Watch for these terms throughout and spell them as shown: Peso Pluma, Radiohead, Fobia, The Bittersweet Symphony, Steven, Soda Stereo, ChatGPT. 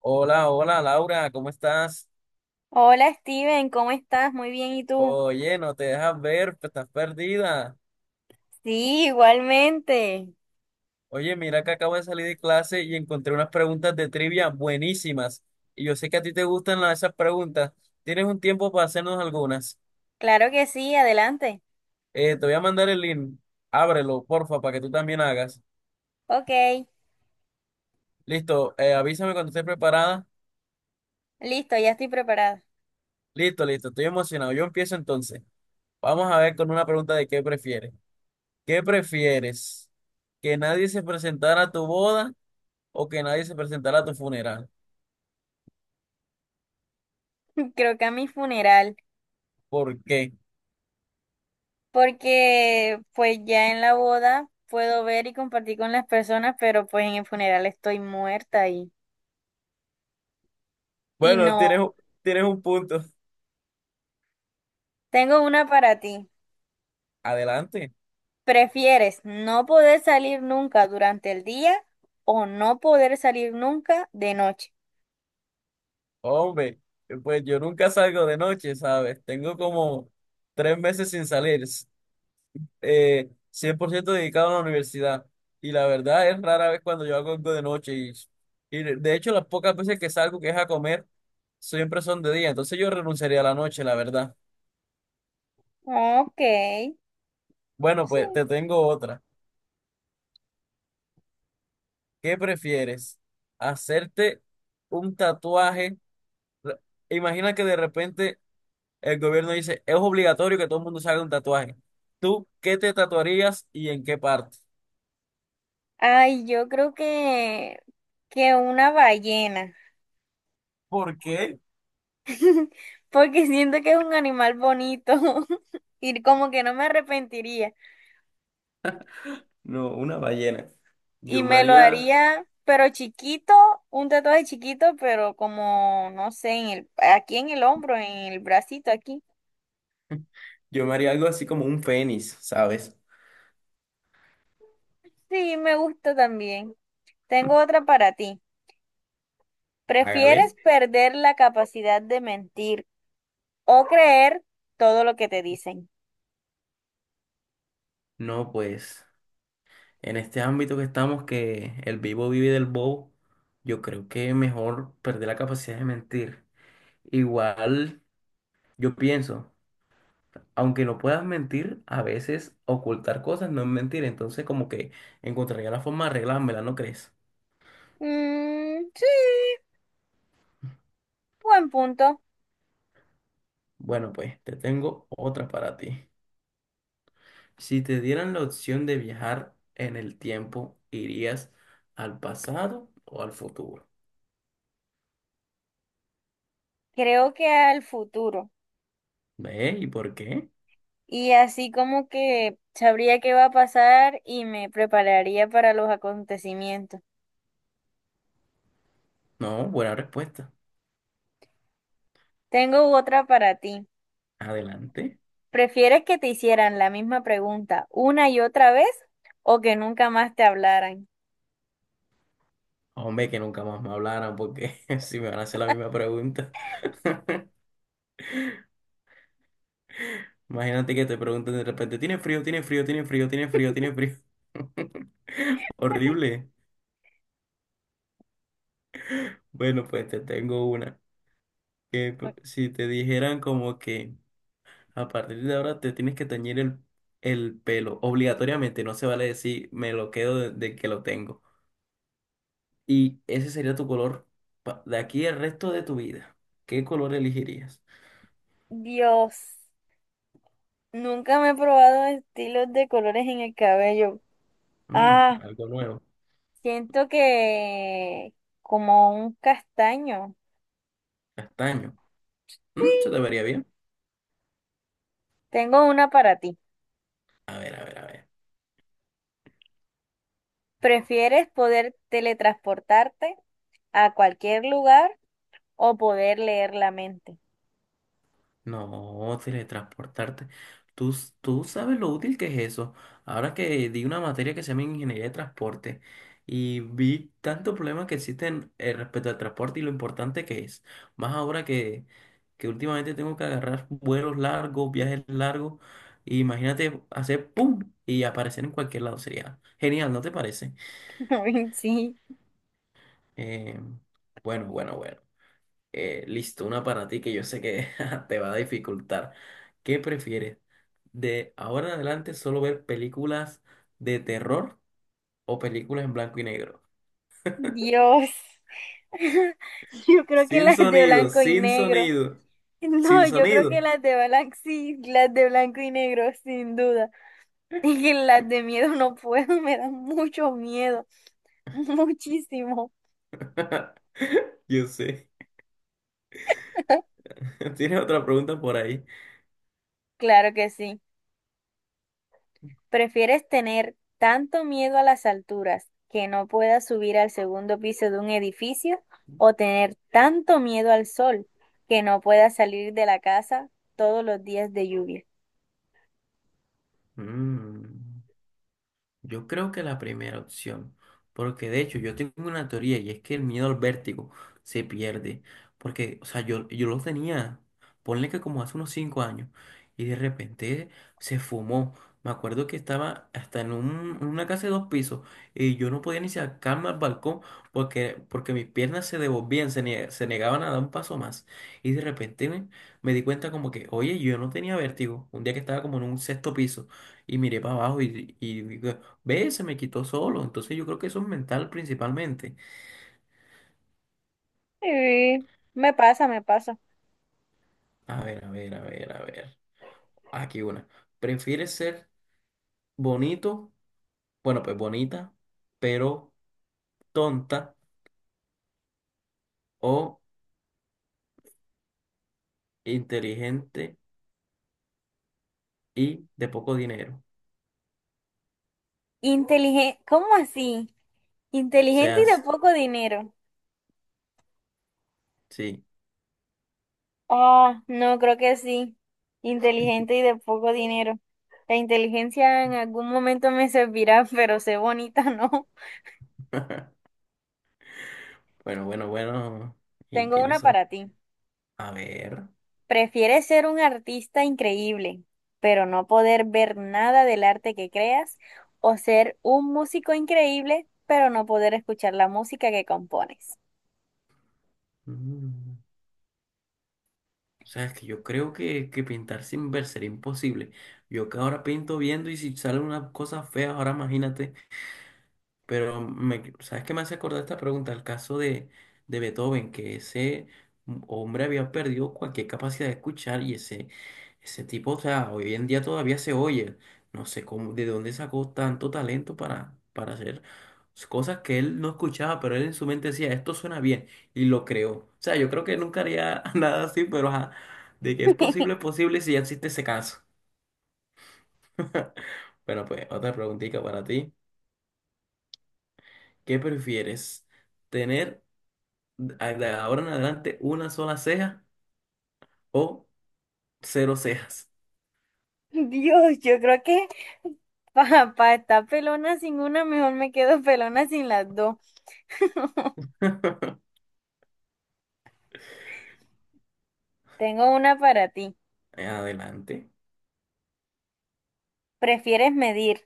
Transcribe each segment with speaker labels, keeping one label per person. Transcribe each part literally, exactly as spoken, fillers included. Speaker 1: Hola, hola Laura, ¿cómo estás?
Speaker 2: Hola Steven, ¿cómo estás? Muy bien, ¿y tú?
Speaker 1: Oye, no te dejas ver, pe- estás perdida.
Speaker 2: Sí, igualmente.
Speaker 1: Oye, mira que acabo de salir de clase y encontré unas preguntas de trivia buenísimas. Y yo sé que a ti te gustan la- esas preguntas. ¿Tienes un tiempo para hacernos algunas?
Speaker 2: Claro que sí, adelante.
Speaker 1: Eh, te voy a mandar el link. Ábrelo, porfa, para que tú también hagas.
Speaker 2: Ok,
Speaker 1: Listo, eh, avísame cuando estés preparada.
Speaker 2: listo, ya estoy preparada.
Speaker 1: Listo, listo, estoy emocionado. Yo empiezo entonces. Vamos a ver con una pregunta de qué prefieres. ¿Qué prefieres? ¿Que nadie se presentara a tu boda o que nadie se presentará a tu funeral?
Speaker 2: Creo que a mi funeral,
Speaker 1: ¿Por qué?
Speaker 2: porque pues ya en la boda puedo ver y compartir con las personas, pero pues en el funeral estoy muerta y, y
Speaker 1: Bueno,
Speaker 2: no.
Speaker 1: tienes, un- tienes un punto.
Speaker 2: Tengo una para ti.
Speaker 1: Adelante.
Speaker 2: ¿Prefieres no poder salir nunca durante el día o no poder salir nunca de noche?
Speaker 1: Hombre, pues yo nunca salgo de noche, ¿sabes? Tengo como tres meses sin salir, s- eh, cien por ciento dedicado a la universidad. Y la verdad es rara vez cuando yo hago algo de noche. Y, y de de hecho, las pocas veces que salgo, que es a comer, siempre son de día. Entonces yo renunciaría a la noche, la verdad.
Speaker 2: Ok,
Speaker 1: Bueno, pues
Speaker 2: sí.
Speaker 1: te tengo otra. ¿Qué prefieres? ¿Hacerte un tatuaje? re- Imagina que de repente el gobierno dice, es obligatorio que todo el mundo se haga un tatuaje. ¿Tú qué te tatuarías y en qué parte?
Speaker 2: Ay, yo creo que, que una ballena,
Speaker 1: ¿Por qué?
Speaker 2: porque siento que es un animal bonito y como que no me arrepentiría.
Speaker 1: No, una ballena.
Speaker 2: Y
Speaker 1: Yo me
Speaker 2: me lo
Speaker 1: haría,
Speaker 2: haría, pero chiquito, un tatuaje chiquito, pero como, no sé, en el, aquí en el hombro, en el bracito, aquí.
Speaker 1: yo me haría algo así como un fénix, ¿sabes?
Speaker 2: Sí, me gusta también. Tengo otra para ti. ¿Prefieres
Speaker 1: Hágale.
Speaker 2: perder la capacidad de mentir o creer todo lo que te dicen?
Speaker 1: No, pues, en este ámbito que estamos, que el vivo vive del bobo, yo creo que mejor perder la capacidad de mentir. Igual, yo pienso, aunque no puedas mentir, a veces ocultar cosas no es mentir. Entonces, como que encontraría la forma de arreglármela, ¿no crees?
Speaker 2: Mm, sí, buen punto.
Speaker 1: Bueno, pues te tengo otra para ti. Si te dieran la opción de viajar en el tiempo, ¿irías al pasado o al futuro?
Speaker 2: Creo que al futuro.
Speaker 1: ¿Ve? ¿Y por qué?
Speaker 2: Y así como que sabría qué va a pasar y me prepararía para los acontecimientos.
Speaker 1: No, buena respuesta.
Speaker 2: Tengo otra para ti.
Speaker 1: Adelante.
Speaker 2: ¿Prefieres que te hicieran la misma pregunta una y otra vez o que nunca más te hablaran?
Speaker 1: Hombre, que nunca más me hablaran porque si me van a hacer la misma pregunta. Imagínate que te pregunten de repente, ¿tiene frío? ¿Tiene frío? ¿Tiene frío? ¿Tiene frío? ¿Tiene frío? Horrible. Bueno, pues te tengo una. Que p- si te dijeran como que a partir de ahora te tienes que teñir el, el pelo, obligatoriamente, no se vale decir me lo quedo de, de que lo tengo. Y ese sería tu color pa- de aquí el resto de tu vida. ¿Qué color elegirías?
Speaker 2: Dios, nunca me he probado estilos de colores en el cabello.
Speaker 1: Mm,
Speaker 2: Ah,
Speaker 1: algo nuevo.
Speaker 2: siento que como un castaño.
Speaker 1: Castaño. Mm, se
Speaker 2: Sí,
Speaker 1: te vería bien.
Speaker 2: tengo una para ti.
Speaker 1: A ver, a ver, a ver.
Speaker 2: ¿Prefieres poder teletransportarte a cualquier lugar o poder leer la mente?
Speaker 1: No, teletransportarte. Tú, s- tú sabes lo útil que es eso. Ahora que di una materia que se llama Ingeniería de Transporte y vi tantos problemas que existen eh, respecto al transporte y lo importante que es. Más ahora que, que últimamente tengo que agarrar vuelos largos, viajes largos. Y imagínate hacer ¡pum! Y aparecer en cualquier lado. Sería genial, ¿no te parece?
Speaker 2: Ay, sí.
Speaker 1: Eh, bueno, bueno, bueno. Eh, listo, una para ti que yo sé que te va a dificultar. ¿Qué prefieres? ¿De ahora en adelante solo ver películas de terror o películas en blanco y negro?
Speaker 2: Dios. Yo creo que
Speaker 1: Sin
Speaker 2: las de
Speaker 1: sonido,
Speaker 2: blanco y
Speaker 1: sin
Speaker 2: negro.
Speaker 1: sonido,
Speaker 2: No,
Speaker 1: sin
Speaker 2: yo creo que
Speaker 1: sonido.
Speaker 2: las de blanco, sí, las de blanco y negro, sin duda. Y que las de miedo no puedo, me dan mucho miedo, muchísimo.
Speaker 1: Yo sé. ¿Tienes otra pregunta por ahí?
Speaker 2: Claro que sí. ¿Prefieres tener tanto miedo a las alturas que no puedas subir al segundo piso de un edificio o tener tanto miedo al sol que no puedas salir de la casa todos los días de lluvia?
Speaker 1: Mm. Yo creo que la primera opción, porque de hecho yo tengo una teoría y es que el miedo al vértigo se pierde, porque, o sea, yo, yo lo tenía, ponle que como hace unos cinco años, y de repente se fumó. Me acuerdo que estaba hasta en un- una casa de dos pisos y yo no podía ni sacarme al balcón porque, porque mis piernas se devolvían, se, nie- se negaban a dar un paso más. Y de repente me, me di cuenta como que, oye, yo no tenía vértigo, un día que estaba como en un sexto piso y miré para abajo y, y ve, se me quitó solo. Entonces yo creo que eso es mental principalmente.
Speaker 2: Sí, me pasa, me pasa.
Speaker 1: A ver, a ver, a ver, a ver. Aquí una. ¿Prefieres ser bonito? Bueno, pues bonita, pero tonta o inteligente y de poco dinero.
Speaker 2: Inteligente, ¿cómo así? Inteligente y de
Speaker 1: Seas
Speaker 2: poco dinero.
Speaker 1: sí.
Speaker 2: Ah, no, creo que sí. Inteligente y de poco dinero. La inteligencia en algún momento me servirá, pero sé bonita, ¿no?
Speaker 1: Bueno, bueno, bueno. Y
Speaker 2: Tengo
Speaker 1: tienes
Speaker 2: una
Speaker 1: eso.
Speaker 2: para ti.
Speaker 1: A ver.
Speaker 2: ¿Prefieres ser un artista increíble, pero no poder ver nada del arte que creas, o ser un músico increíble, pero no poder escuchar la música que compones?
Speaker 1: Mm. O sea, es que yo creo que, que pintar sin ver sería imposible. Yo que ahora pinto viendo y si sale una cosa fea, ahora imagínate. Pero, me, ¿sabes qué me hace acordar esta pregunta? El caso de, de Beethoven, que ese hombre había perdido cualquier capacidad de escuchar y ese, ese tipo, o sea, hoy en día todavía se oye. No sé cómo, de dónde sacó tanto talento para, para hacer cosas que él no escuchaba, pero él en su mente decía, esto suena bien, y lo creó. O sea, yo creo que nunca haría nada así, pero ajá, de que es posible, es posible si ya existe ese caso. Bueno, pues otra preguntita para ti. ¿Qué prefieres? ¿Tener a- de ahora en adelante una sola ceja o cero cejas
Speaker 2: Dios, yo creo que para estar pelona sin una, mejor me quedo pelona sin las dos. Tengo una para ti.
Speaker 1: en adelante?
Speaker 2: ¿Prefieres medir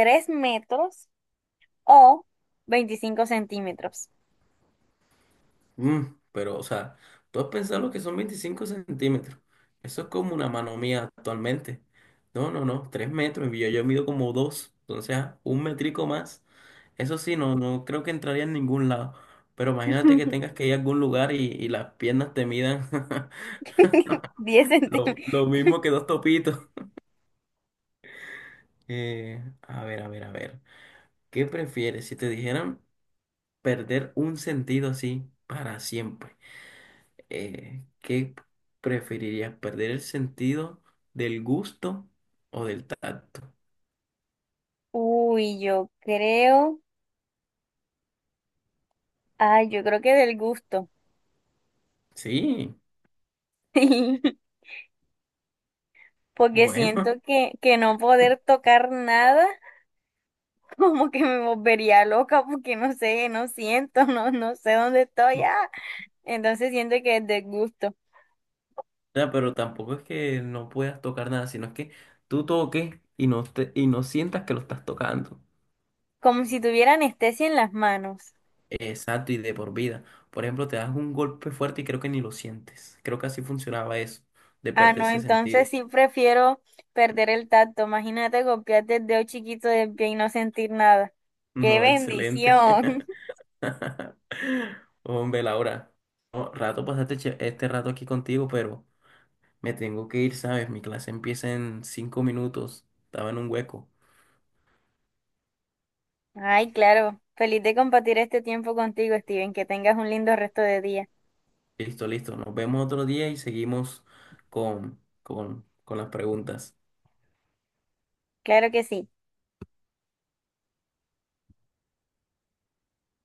Speaker 2: tres metros o veinticinco centímetros?
Speaker 1: Mm, pero, o sea, tú has pensado lo que son veinticinco centímetros. Eso es como una mano mía actualmente. No, no, no, tres metros. Y Yo, yo mido como dos. Entonces, ah, un metrico más. Eso sí, no, no creo que entraría en ningún lado. Pero imagínate que tengas que ir a algún lugar y, y las piernas te midan
Speaker 2: Diez centímetros.
Speaker 1: lo, lo mismo que dos topitos. Eh, a ver, a ver, a ver. ¿Qué prefieres? Si te dijeran perder un sentido así para siempre. Eh, ¿qué preferirías? ¿Perder el sentido del gusto o del tacto?
Speaker 2: Uy, yo creo. Ay, yo creo que del gusto,
Speaker 1: Sí,
Speaker 2: porque siento
Speaker 1: bueno,
Speaker 2: que, que no poder tocar nada, como que me volvería loca, porque no sé, no siento, no, no sé dónde estoy. Ah. Entonces siento que es del gusto,
Speaker 1: o sea, pero tampoco es que no puedas tocar nada, sino es que tú toques y no, te- y no sientas que lo estás tocando.
Speaker 2: como si tuviera anestesia en las manos.
Speaker 1: Exacto, y de por vida. Por ejemplo, te das un golpe fuerte y creo que ni lo sientes. Creo que así funcionaba eso, de
Speaker 2: Ah,
Speaker 1: perder
Speaker 2: no,
Speaker 1: ese sentido.
Speaker 2: entonces sí prefiero perder el tacto. Imagínate golpearte el dedo chiquito del pie y no sentir nada. ¡Qué
Speaker 1: No, excelente.
Speaker 2: bendición!
Speaker 1: Hombre, Laura, no, rato pasaste che- este rato aquí contigo, pero me tengo que ir, ¿sabes? Mi clase empieza en cinco minutos. Estaba en un hueco.
Speaker 2: Ay, claro, feliz de compartir este tiempo contigo, Steven, que tengas un lindo resto de día.
Speaker 1: Listo, listo. Nos vemos otro día y seguimos con, con, con las preguntas.
Speaker 2: Claro que sí.